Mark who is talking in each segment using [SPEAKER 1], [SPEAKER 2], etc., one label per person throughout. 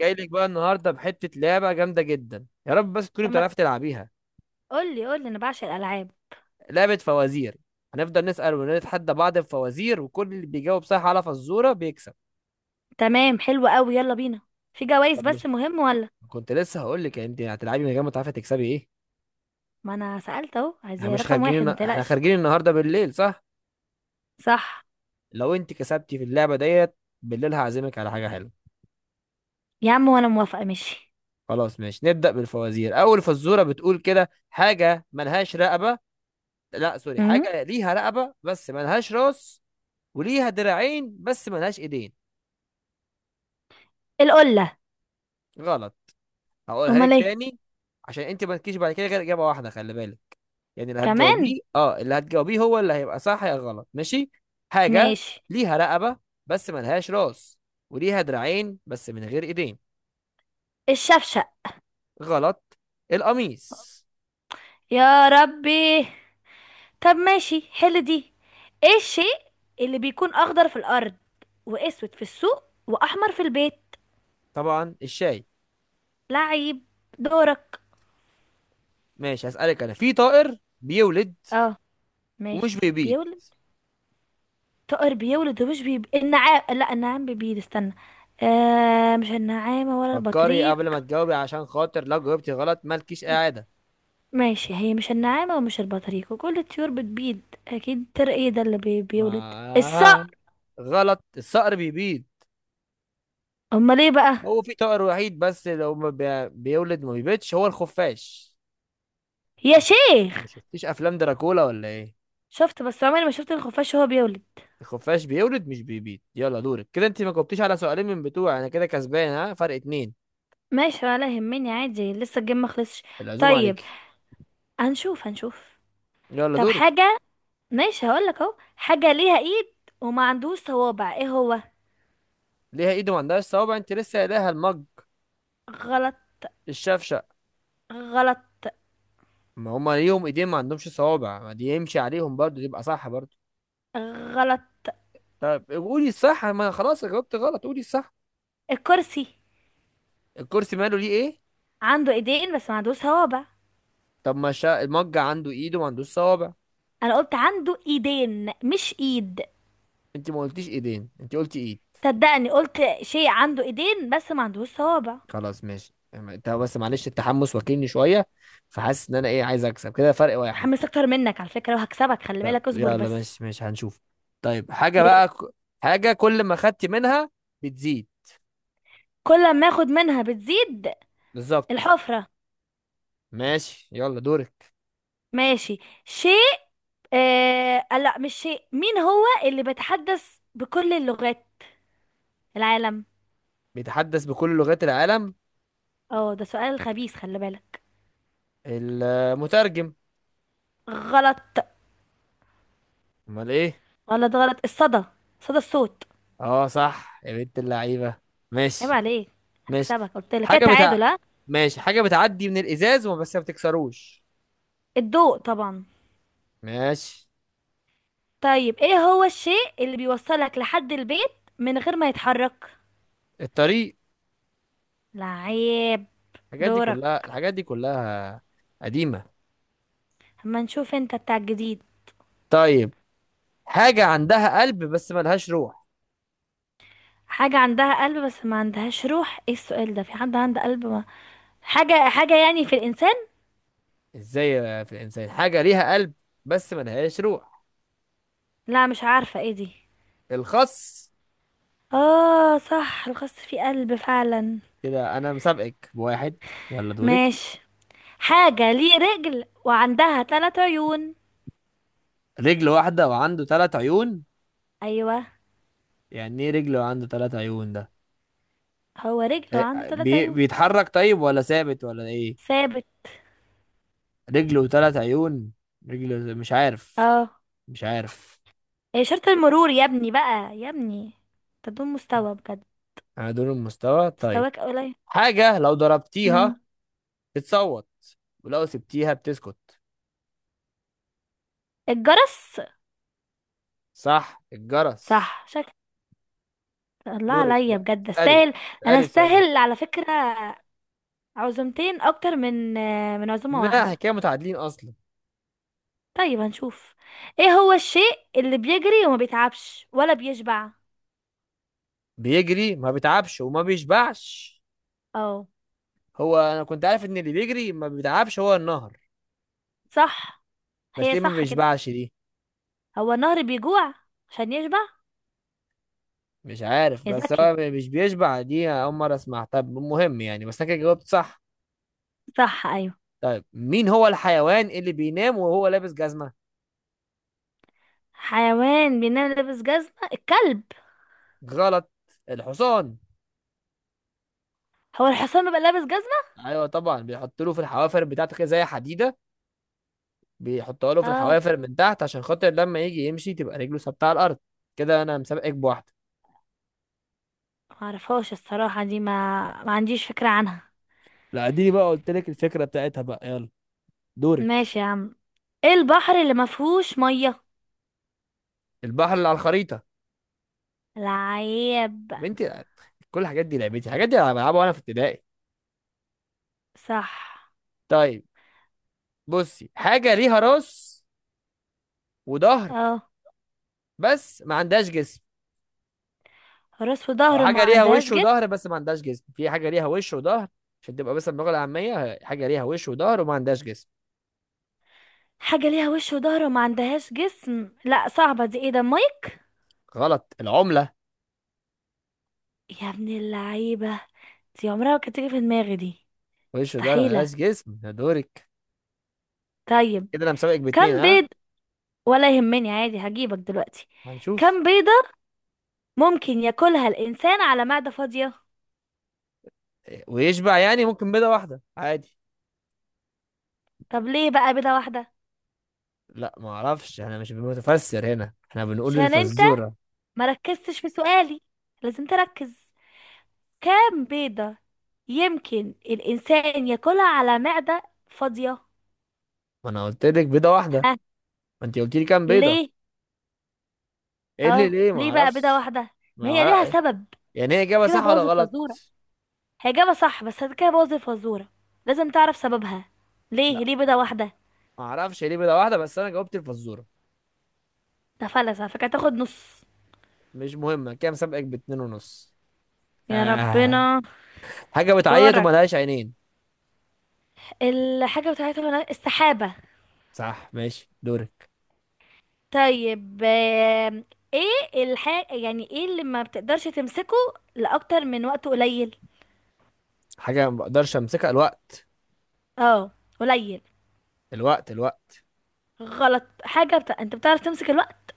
[SPEAKER 1] جاي لك بقى النهارده بحته لعبه جامده جدا يا رب، بس تكوني
[SPEAKER 2] طب ما
[SPEAKER 1] بتعرفي تلعبيها.
[SPEAKER 2] قولي، انا بعشق الالعاب.
[SPEAKER 1] لعبه فوازير. هنفضل نسال ونتحدى بعض في فوازير، وكل اللي بيجاوب صح على فزوره بيكسب.
[SPEAKER 2] تمام، حلو قوي، يلا بينا. في جوائز
[SPEAKER 1] طب مش
[SPEAKER 2] بس مهم ولا؟
[SPEAKER 1] كنت لسه هقول لك، يعني انت هتلعبي من غير ما تعرفي تكسبي ايه؟
[SPEAKER 2] ما انا سألت اهو،
[SPEAKER 1] احنا
[SPEAKER 2] عايزة
[SPEAKER 1] مش
[SPEAKER 2] رقم واحد
[SPEAKER 1] خارجين،
[SPEAKER 2] ما
[SPEAKER 1] احنا
[SPEAKER 2] تقلقش.
[SPEAKER 1] خارجين النهارده بالليل، صح؟
[SPEAKER 2] صح.
[SPEAKER 1] لو انت كسبتي في اللعبه ديت بالليل هعزمك على حاجه حلوه.
[SPEAKER 2] يا عم وانا موافقة، ماشي.
[SPEAKER 1] خلاص ماشي، نبدا بالفوازير. اول فزوره بتقول كده: حاجه ملهاش رقبه. لا سوري،
[SPEAKER 2] امم
[SPEAKER 1] حاجه ليها رقبه بس ملهاش راس، وليها دراعين بس ملهاش ايدين.
[SPEAKER 2] القلة.
[SPEAKER 1] غلط. هقولها
[SPEAKER 2] امال
[SPEAKER 1] لك
[SPEAKER 2] ايه؟
[SPEAKER 1] تاني. عشان انت ما تجيش بعد كده غير اجابه واحده، خلي بالك. يعني اللي
[SPEAKER 2] كمان.
[SPEAKER 1] هتجاوبيه اه اللي هتجاوبيه هو اللي هيبقى صح يا غلط، ماشي؟ حاجه
[SPEAKER 2] ماشي.
[SPEAKER 1] ليها رقبه بس ملهاش راس، وليها دراعين بس من غير ايدين.
[SPEAKER 2] الشفشق.
[SPEAKER 1] غلط. القميص.
[SPEAKER 2] يا ربي. طب ماشي، حل دي. ايه الشيء اللي بيكون اخضر في الارض، واسود في السوق، واحمر في البيت؟
[SPEAKER 1] طبعا الشاي.
[SPEAKER 2] لعيب. دورك.
[SPEAKER 1] ماشي هسألك، انا في طائر بيولد
[SPEAKER 2] اه،
[SPEAKER 1] ومش
[SPEAKER 2] ماشي
[SPEAKER 1] بيبيض.
[SPEAKER 2] بيولد. طائر بيولد ومش النعام، لا النعام بيبيض، استنى. آه، مش النعامة ولا
[SPEAKER 1] فكري
[SPEAKER 2] البطريق؟
[SPEAKER 1] قبل ما تجاوبي عشان خاطر لو جاوبتي غلط مالكيش قاعده.
[SPEAKER 2] ماشي، هي مش النعامة ومش البطريق، وكل الطيور بتبيض. أكيد الطير ايه ده بيولد؟
[SPEAKER 1] ما
[SPEAKER 2] الصقر.
[SPEAKER 1] غلط، الصقر بيبيض.
[SPEAKER 2] أمال ايه بقى؟
[SPEAKER 1] هو في طائر وحيد بس لو ما بيولد ما بيبيضش، هو الخفاش.
[SPEAKER 2] يا
[SPEAKER 1] ما شف- ما
[SPEAKER 2] شيخ.
[SPEAKER 1] شفتيش افلام دراكولا ولا ايه؟
[SPEAKER 2] شفت بس عمري ما شفت الخفاش وهو بيولد.
[SPEAKER 1] الخفاش بيولد مش بيبيض. يلا دورك، كده انت ما جاوبتيش على سؤالين من بتوع انا، كده كسبان، ها؟ فرق اتنين.
[SPEAKER 2] ماشي ولا يهمني عادي، لسه الجيم ما خلصش.
[SPEAKER 1] العزومه
[SPEAKER 2] طيب،
[SPEAKER 1] عليك.
[SPEAKER 2] هنشوف.
[SPEAKER 1] يلا
[SPEAKER 2] طب
[SPEAKER 1] دورك.
[SPEAKER 2] حاجة، ماشي هقولك اهو، حاجة ليها ايد وما عندوش صوابع، ايه هو؟
[SPEAKER 1] ليها ايد وما عندهاش صوابع؟ انت لسه قايلها المج.
[SPEAKER 2] غلط.
[SPEAKER 1] الشفشق.
[SPEAKER 2] غلط.
[SPEAKER 1] ما هما ليهم ايدين ما عندهمش صوابع، ما دي يمشي عليهم برضو يبقى صح برضو.
[SPEAKER 2] غلط.
[SPEAKER 1] طب قولي الصح، ما خلاص جاوبت غلط، قولي الصح.
[SPEAKER 2] الكرسي،
[SPEAKER 1] الكرسي ماله؟ ليه؟ ايه؟
[SPEAKER 2] عنده ايدين بس ما عندوش صوابع.
[SPEAKER 1] طب ما شا... المج عنده ايد وما عندوش صوابع.
[SPEAKER 2] انا قلت عنده ايدين مش ايد.
[SPEAKER 1] انت ما قلتيش ايدين، انت قلتي ايد.
[SPEAKER 2] صدقني قلت شيء عنده ايدين بس ما عندوش صوابع.
[SPEAKER 1] خلاص ماشي، اما انت بس معلش التحمس واكلني شويه، فحاسس ان انا ايه عايز اكسب كده فرق واحد.
[SPEAKER 2] متحمس اكتر منك على فكرة، وهكسبك خلي
[SPEAKER 1] طب
[SPEAKER 2] بالك، اصبر
[SPEAKER 1] يلا
[SPEAKER 2] بس.
[SPEAKER 1] ماشي ماشي، هنشوف. طيب حاجه
[SPEAKER 2] يلا.
[SPEAKER 1] بقى حاجه كل ما خدت منها بتزيد.
[SPEAKER 2] كل ما اخد منها بتزيد.
[SPEAKER 1] بالظبط.
[SPEAKER 2] الحفرة.
[SPEAKER 1] ماشي يلا دورك.
[SPEAKER 2] ماشي. شيء آه... لا مش شيء مين هو اللي بيتحدث بكل اللغات؟ العالم.
[SPEAKER 1] بيتحدث بكل لغات العالم.
[SPEAKER 2] اه ده سؤال خبيث، خلي بالك.
[SPEAKER 1] المترجم.
[SPEAKER 2] غلط.
[SPEAKER 1] امال ايه؟
[SPEAKER 2] غلط. غلط. الصدى، صدى الصوت.
[SPEAKER 1] اه صح، يا بنت اللعيبه.
[SPEAKER 2] عيب
[SPEAKER 1] ماشي.
[SPEAKER 2] عليك.
[SPEAKER 1] ماشي
[SPEAKER 2] هكسبك، قلت لك كده،
[SPEAKER 1] حاجه بتاع.
[SPEAKER 2] تعادل ها.
[SPEAKER 1] ماشي، حاجه بتعدي من الازاز بس ما بتكسروش.
[SPEAKER 2] الضوء طبعا.
[SPEAKER 1] ماشي.
[SPEAKER 2] طيب ايه هو الشيء اللي بيوصلك لحد البيت من غير ما يتحرك؟
[SPEAKER 1] الطريق.
[SPEAKER 2] لعيب.
[SPEAKER 1] الحاجات دي كلها
[SPEAKER 2] دورك.
[SPEAKER 1] الحاجات دي كلها قديمة.
[SPEAKER 2] اما نشوف انت بتاع الجديد.
[SPEAKER 1] طيب، حاجة عندها قلب بس ملهاش روح.
[SPEAKER 2] حاجة عندها قلب بس ما عندهاش روح، ايه السؤال ده؟ في حد عنده قلب ما حاجة، يعني في الانسان؟
[SPEAKER 1] ازاي في الإنسان حاجة ليها قلب بس ملهاش روح؟
[SPEAKER 2] لا، مش عارفة ايه دي.
[SPEAKER 1] الخس.
[SPEAKER 2] اه صح، الخس فيه قلب فعلا.
[SPEAKER 1] كده أنا مسابقك بواحد، يلا دورك.
[SPEAKER 2] ماشي. حاجة ليه رجل وعندها ثلاث عيون.
[SPEAKER 1] رجل واحدة وعنده ثلاث عيون.
[SPEAKER 2] ايوه.
[SPEAKER 1] يعني ايه رجل وعنده ثلاث عيون ده؟
[SPEAKER 2] هو رجل
[SPEAKER 1] إيه،
[SPEAKER 2] وعنده ثلاث
[SPEAKER 1] بي...
[SPEAKER 2] عيون.
[SPEAKER 1] بيتحرك طيب ولا ثابت ولا ايه؟
[SPEAKER 2] ثابت.
[SPEAKER 1] رجل وثلاث عيون. رجل، مش عارف.
[SPEAKER 2] اه.
[SPEAKER 1] مش عارف.
[SPEAKER 2] اشارة المرور يا ابني بقى، يا ابني. انت دون مستوى بجد،
[SPEAKER 1] انا دول المستوى طيب.
[SPEAKER 2] مستواك قليل.
[SPEAKER 1] حاجة لو
[SPEAKER 2] مم.
[SPEAKER 1] ضربتيها بتصوت ولو سبتيها بتسكت.
[SPEAKER 2] الجرس.
[SPEAKER 1] صح، الجرس.
[SPEAKER 2] صح شكل. الله
[SPEAKER 1] دورك
[SPEAKER 2] عليا
[SPEAKER 1] بقى،
[SPEAKER 2] بجد
[SPEAKER 1] اسألي
[SPEAKER 2] استاهل. انا
[SPEAKER 1] اسألي سؤال.
[SPEAKER 2] استاهل على فكرة، عزومتين اكتر من عزومة
[SPEAKER 1] لا احنا
[SPEAKER 2] واحدة.
[SPEAKER 1] كده متعادلين اصلا.
[SPEAKER 2] طيب هنشوف. ايه هو الشيء اللي بيجري وما بيتعبش ولا بيشبع؟
[SPEAKER 1] بيجري ما بيتعبش وما بيشبعش.
[SPEAKER 2] اه.
[SPEAKER 1] هو انا كنت عارف ان اللي بيجري ما بيتعبش هو النهر،
[SPEAKER 2] صح.
[SPEAKER 1] بس
[SPEAKER 2] هي
[SPEAKER 1] ايه ما
[SPEAKER 2] صح كده،
[SPEAKER 1] بيشبعش دي؟
[SPEAKER 2] هو النهر بيجوع عشان يشبع.
[SPEAKER 1] مش عارف،
[SPEAKER 2] يا
[SPEAKER 1] بس
[SPEAKER 2] ذكي.
[SPEAKER 1] هو مش بيشبع دي اول مره اسمعها. طب مهم يعني، بس انا كده جاوبت صح.
[SPEAKER 2] صح، ايوه.
[SPEAKER 1] طيب مين هو الحيوان اللي بينام وهو لابس جزمه؟
[SPEAKER 2] حيوان بينام لابس جزمة، الكلب.
[SPEAKER 1] غلط. الحصان.
[SPEAKER 2] هو الحصان بيبقى لابس جزمة؟
[SPEAKER 1] ايوه طبعا، بيحط له في الحوافر بتاعته كده زي حديده، بيحطها له في
[SPEAKER 2] اه.
[SPEAKER 1] الحوافر من تحت عشان خاطر لما يجي يمشي تبقى رجله ثابته على الارض. كده انا مسابقك بواحده.
[SPEAKER 2] معرفهاش الصراحة دي، ما ما عنديش فكرة عنها.
[SPEAKER 1] لا دي بقى قلت لك الفكره بتاعتها، بقى يلا
[SPEAKER 2] ماشي
[SPEAKER 1] دورك.
[SPEAKER 2] يا عم. ايه البحر اللي ما فيهوش مية؟
[SPEAKER 1] البحر اللي على الخريطه.
[SPEAKER 2] العيب.
[SPEAKER 1] يا بنتي، كل الحاجات دي لعبتي، الحاجات دي انا بلعبها وانا في ابتدائي.
[SPEAKER 2] صح.
[SPEAKER 1] طيب، بصي، حاجه ليها راس وظهر
[SPEAKER 2] اه،
[SPEAKER 1] بس ما عندهاش جسم،
[SPEAKER 2] راس
[SPEAKER 1] او
[SPEAKER 2] وظهر ما
[SPEAKER 1] حاجه ليها
[SPEAKER 2] عندهاش
[SPEAKER 1] وش
[SPEAKER 2] جسم.
[SPEAKER 1] وظهر بس ما عندهاش جسم. في حاجه ليها وش وظهر، عشان تبقى بس اللغه العاميه، حاجه ليها وش وظهر وما عندهاش جسم.
[SPEAKER 2] حاجة ليها وش وظهر وما عندهاش جسم، لا صعبة دي، ايه ده؟ مايك.
[SPEAKER 1] غلط، العمله.
[SPEAKER 2] يا ابن اللعيبة، دي عمرها ما كانت تيجي في دماغي دي.
[SPEAKER 1] وش وظهر ما
[SPEAKER 2] مستحيلة.
[SPEAKER 1] لهاش جسم، ده دورك.
[SPEAKER 2] طيب،
[SPEAKER 1] كده انا مسابقك باتنين،
[SPEAKER 2] كم
[SPEAKER 1] ها؟
[SPEAKER 2] بيض. ولا يهمني عادي، هجيبك دلوقتي.
[SPEAKER 1] هنشوف.
[SPEAKER 2] كم بيضة ممكن ياكلها الإنسان على معدة فاضية؟
[SPEAKER 1] ويشبع يعني، ممكن بيضة واحدة عادي.
[SPEAKER 2] طب ليه بقى بيضة واحدة؟
[SPEAKER 1] لا ما اعرفش، انا مش متفسر هنا، احنا بنقول
[SPEAKER 2] عشان انت
[SPEAKER 1] الفزورة.
[SPEAKER 2] ما ركزتش في سؤالي، لازم تركز. كام بيضة يمكن الإنسان ياكلها على معدة فاضية؟
[SPEAKER 1] ما انا قلت لك بيضة واحدة.
[SPEAKER 2] ها.
[SPEAKER 1] ما انت قلت لي كام بيضة.
[SPEAKER 2] ليه؟
[SPEAKER 1] ايه اللي
[SPEAKER 2] اهو
[SPEAKER 1] ليه؟ ما
[SPEAKER 2] ليه بقى بيضة
[SPEAKER 1] اعرفش.
[SPEAKER 2] واحدة؟
[SPEAKER 1] ما
[SPEAKER 2] ما هي ليها
[SPEAKER 1] اعرف.
[SPEAKER 2] سبب.
[SPEAKER 1] يعني هي
[SPEAKER 2] انت
[SPEAKER 1] اجابة
[SPEAKER 2] كده
[SPEAKER 1] صح ولا
[SPEAKER 2] بوظ
[SPEAKER 1] غلط؟
[SPEAKER 2] الفزورة. هي إجابة صح بس انت كده بوظ الفزورة، لازم تعرف سببها.
[SPEAKER 1] لا
[SPEAKER 2] ليه؟ ليه بيضة واحدة؟
[SPEAKER 1] ما اعرفش هي ليه بيضة واحدة، بس انا جاوبت الفزورة.
[SPEAKER 2] ده فلس على فكرة، تاخد نص.
[SPEAKER 1] مش مهمة كام، سابقك باتنين ونص.
[SPEAKER 2] يا
[SPEAKER 1] آه.
[SPEAKER 2] ربنا.
[SPEAKER 1] حاجة بتعيط
[SPEAKER 2] دورك.
[SPEAKER 1] وملهاش عينين.
[SPEAKER 2] الحاجة بتاعتهم، السحابة.
[SPEAKER 1] صح ماشي دورك.
[SPEAKER 2] طيب، ايه الحاجة، يعني ايه اللي ما بتقدرش تمسكه لأكتر من وقت قليل؟
[SPEAKER 1] حاجة ما بقدرش امسكها. الوقت.
[SPEAKER 2] اه، قليل.
[SPEAKER 1] الوقت الوقت.
[SPEAKER 2] غلط. انت بتعرف تمسك الوقت؟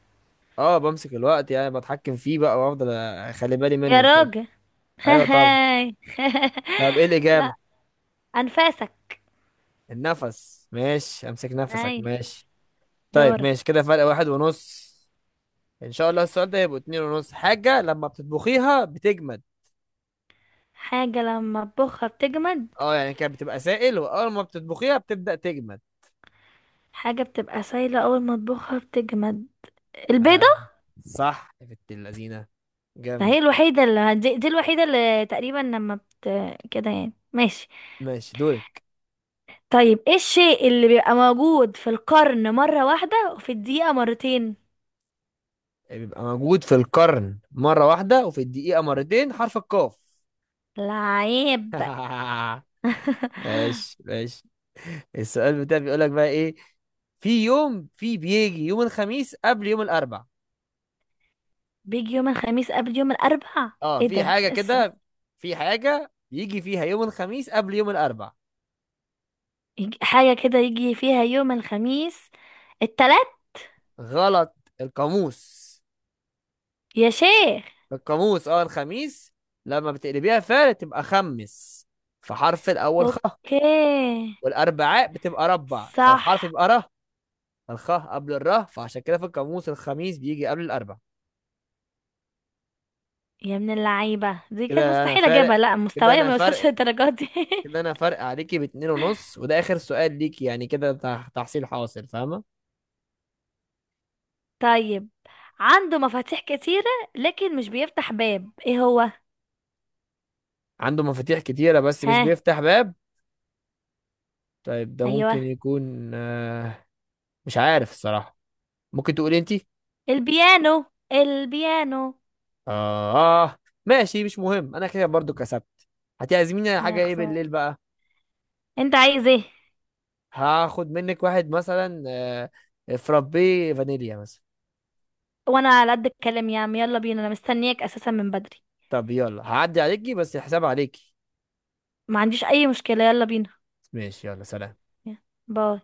[SPEAKER 1] اه بمسك الوقت، يعني بتحكم فيه بقى وافضل اخلي بالي منه
[SPEAKER 2] يا
[SPEAKER 1] وكده.
[SPEAKER 2] راجل.
[SPEAKER 1] ايوه طبعا.
[SPEAKER 2] هاي.
[SPEAKER 1] طب ايه
[SPEAKER 2] لا.
[SPEAKER 1] الاجابه؟
[SPEAKER 2] انفاسك.
[SPEAKER 1] النفس، ماشي، امسك نفسك،
[SPEAKER 2] هاي.
[SPEAKER 1] ماشي. طيب
[SPEAKER 2] دورك.
[SPEAKER 1] ماشي، كده فرق واحد ونص. ان شاء الله السؤال ده يبقوا اتنين ونص. حاجه لما بتطبخيها بتجمد.
[SPEAKER 2] حاجة لما اطبخها بتجمد.
[SPEAKER 1] اه يعني كانت بتبقى سائل واول ما بتطبخيها بتبدا تجمد.
[SPEAKER 2] حاجة بتبقى سايلة أول ما اطبخها بتجمد، البيضة.
[SPEAKER 1] آه. صح يا بنت اللذينه،
[SPEAKER 2] ده
[SPEAKER 1] جامد.
[SPEAKER 2] هي الوحيدة دي الوحيدة اللي تقريبا لما بت كده يعني، ماشي.
[SPEAKER 1] ماشي دورك.
[SPEAKER 2] طيب ايه الشيء اللي بيبقى موجود في القرن مرة واحدة وفي الدقيقة مرتين؟
[SPEAKER 1] بيبقى موجود في القرن مره واحده وفي الدقيقه مرتين. حرف القاف.
[SPEAKER 2] العيب.
[SPEAKER 1] ماشي ماشي. السؤال بتاعي بيقول لك بقى ايه: في بيجي يوم الخميس قبل يوم الاربع.
[SPEAKER 2] بيجي يوم الخميس قبل يوم الأربع؟
[SPEAKER 1] اه،
[SPEAKER 2] ايه
[SPEAKER 1] في
[SPEAKER 2] ده
[SPEAKER 1] حاجة كده، في حاجة بيجي فيها يوم الخميس قبل يوم الاربع.
[SPEAKER 2] حاجة كده يجي فيها يوم الخميس؟ التلات.
[SPEAKER 1] غلط. القاموس.
[SPEAKER 2] يا شيخ.
[SPEAKER 1] القاموس، الخميس لما بتقلبيها فعلا تبقى خمس، فحرف الاول خ.
[SPEAKER 2] اوكي.
[SPEAKER 1] والاربعاء بتبقى ربع، فالحرف
[SPEAKER 2] صح.
[SPEAKER 1] يبقى ره. الخاء قبل الره، فعشان كده في القاموس الخميس بيجي قبل الاربع.
[SPEAKER 2] يا من اللعيبة، دي كانت
[SPEAKER 1] كده انا
[SPEAKER 2] مستحيل
[SPEAKER 1] فارق
[SPEAKER 2] اجيبها، لا
[SPEAKER 1] كده
[SPEAKER 2] مستوايا
[SPEAKER 1] انا
[SPEAKER 2] ما يوصلش
[SPEAKER 1] فرق
[SPEAKER 2] للدرجة دي.
[SPEAKER 1] كده انا فرق عليكي باتنين ونص، وده اخر سؤال ليكي، يعني كده تحصيل حاصل، فاهمه؟
[SPEAKER 2] طيب، عنده مفاتيح كتيرة لكن مش بيفتح باب، ايه هو؟
[SPEAKER 1] عنده مفاتيح كتيره بس مش
[SPEAKER 2] ها.
[SPEAKER 1] بيفتح باب. طيب، ده
[SPEAKER 2] ايوه.
[SPEAKER 1] ممكن يكون مش عارف الصراحه، ممكن تقولي انتي.
[SPEAKER 2] البيانو، البيانو.
[SPEAKER 1] اه. آه، ماشي مش مهم، انا كده برضو كسبت. هتعزميني على
[SPEAKER 2] يا
[SPEAKER 1] حاجه ايه
[SPEAKER 2] خسارة،
[SPEAKER 1] بالليل بقى؟
[SPEAKER 2] انت عايز ايه؟
[SPEAKER 1] هاخد منك واحد مثلا، فرابي فانيليا مثلا.
[SPEAKER 2] وانا على قد الكلام يا عم، يلا بينا، انا مستنياك اساسا من بدري.
[SPEAKER 1] طب يلا، هعدي عليكي بس الحساب عليكي.
[SPEAKER 2] ما عنديش اي مشكلة، يلا بينا.
[SPEAKER 1] ماشي يلا، سلام.
[SPEAKER 2] يلا، باي.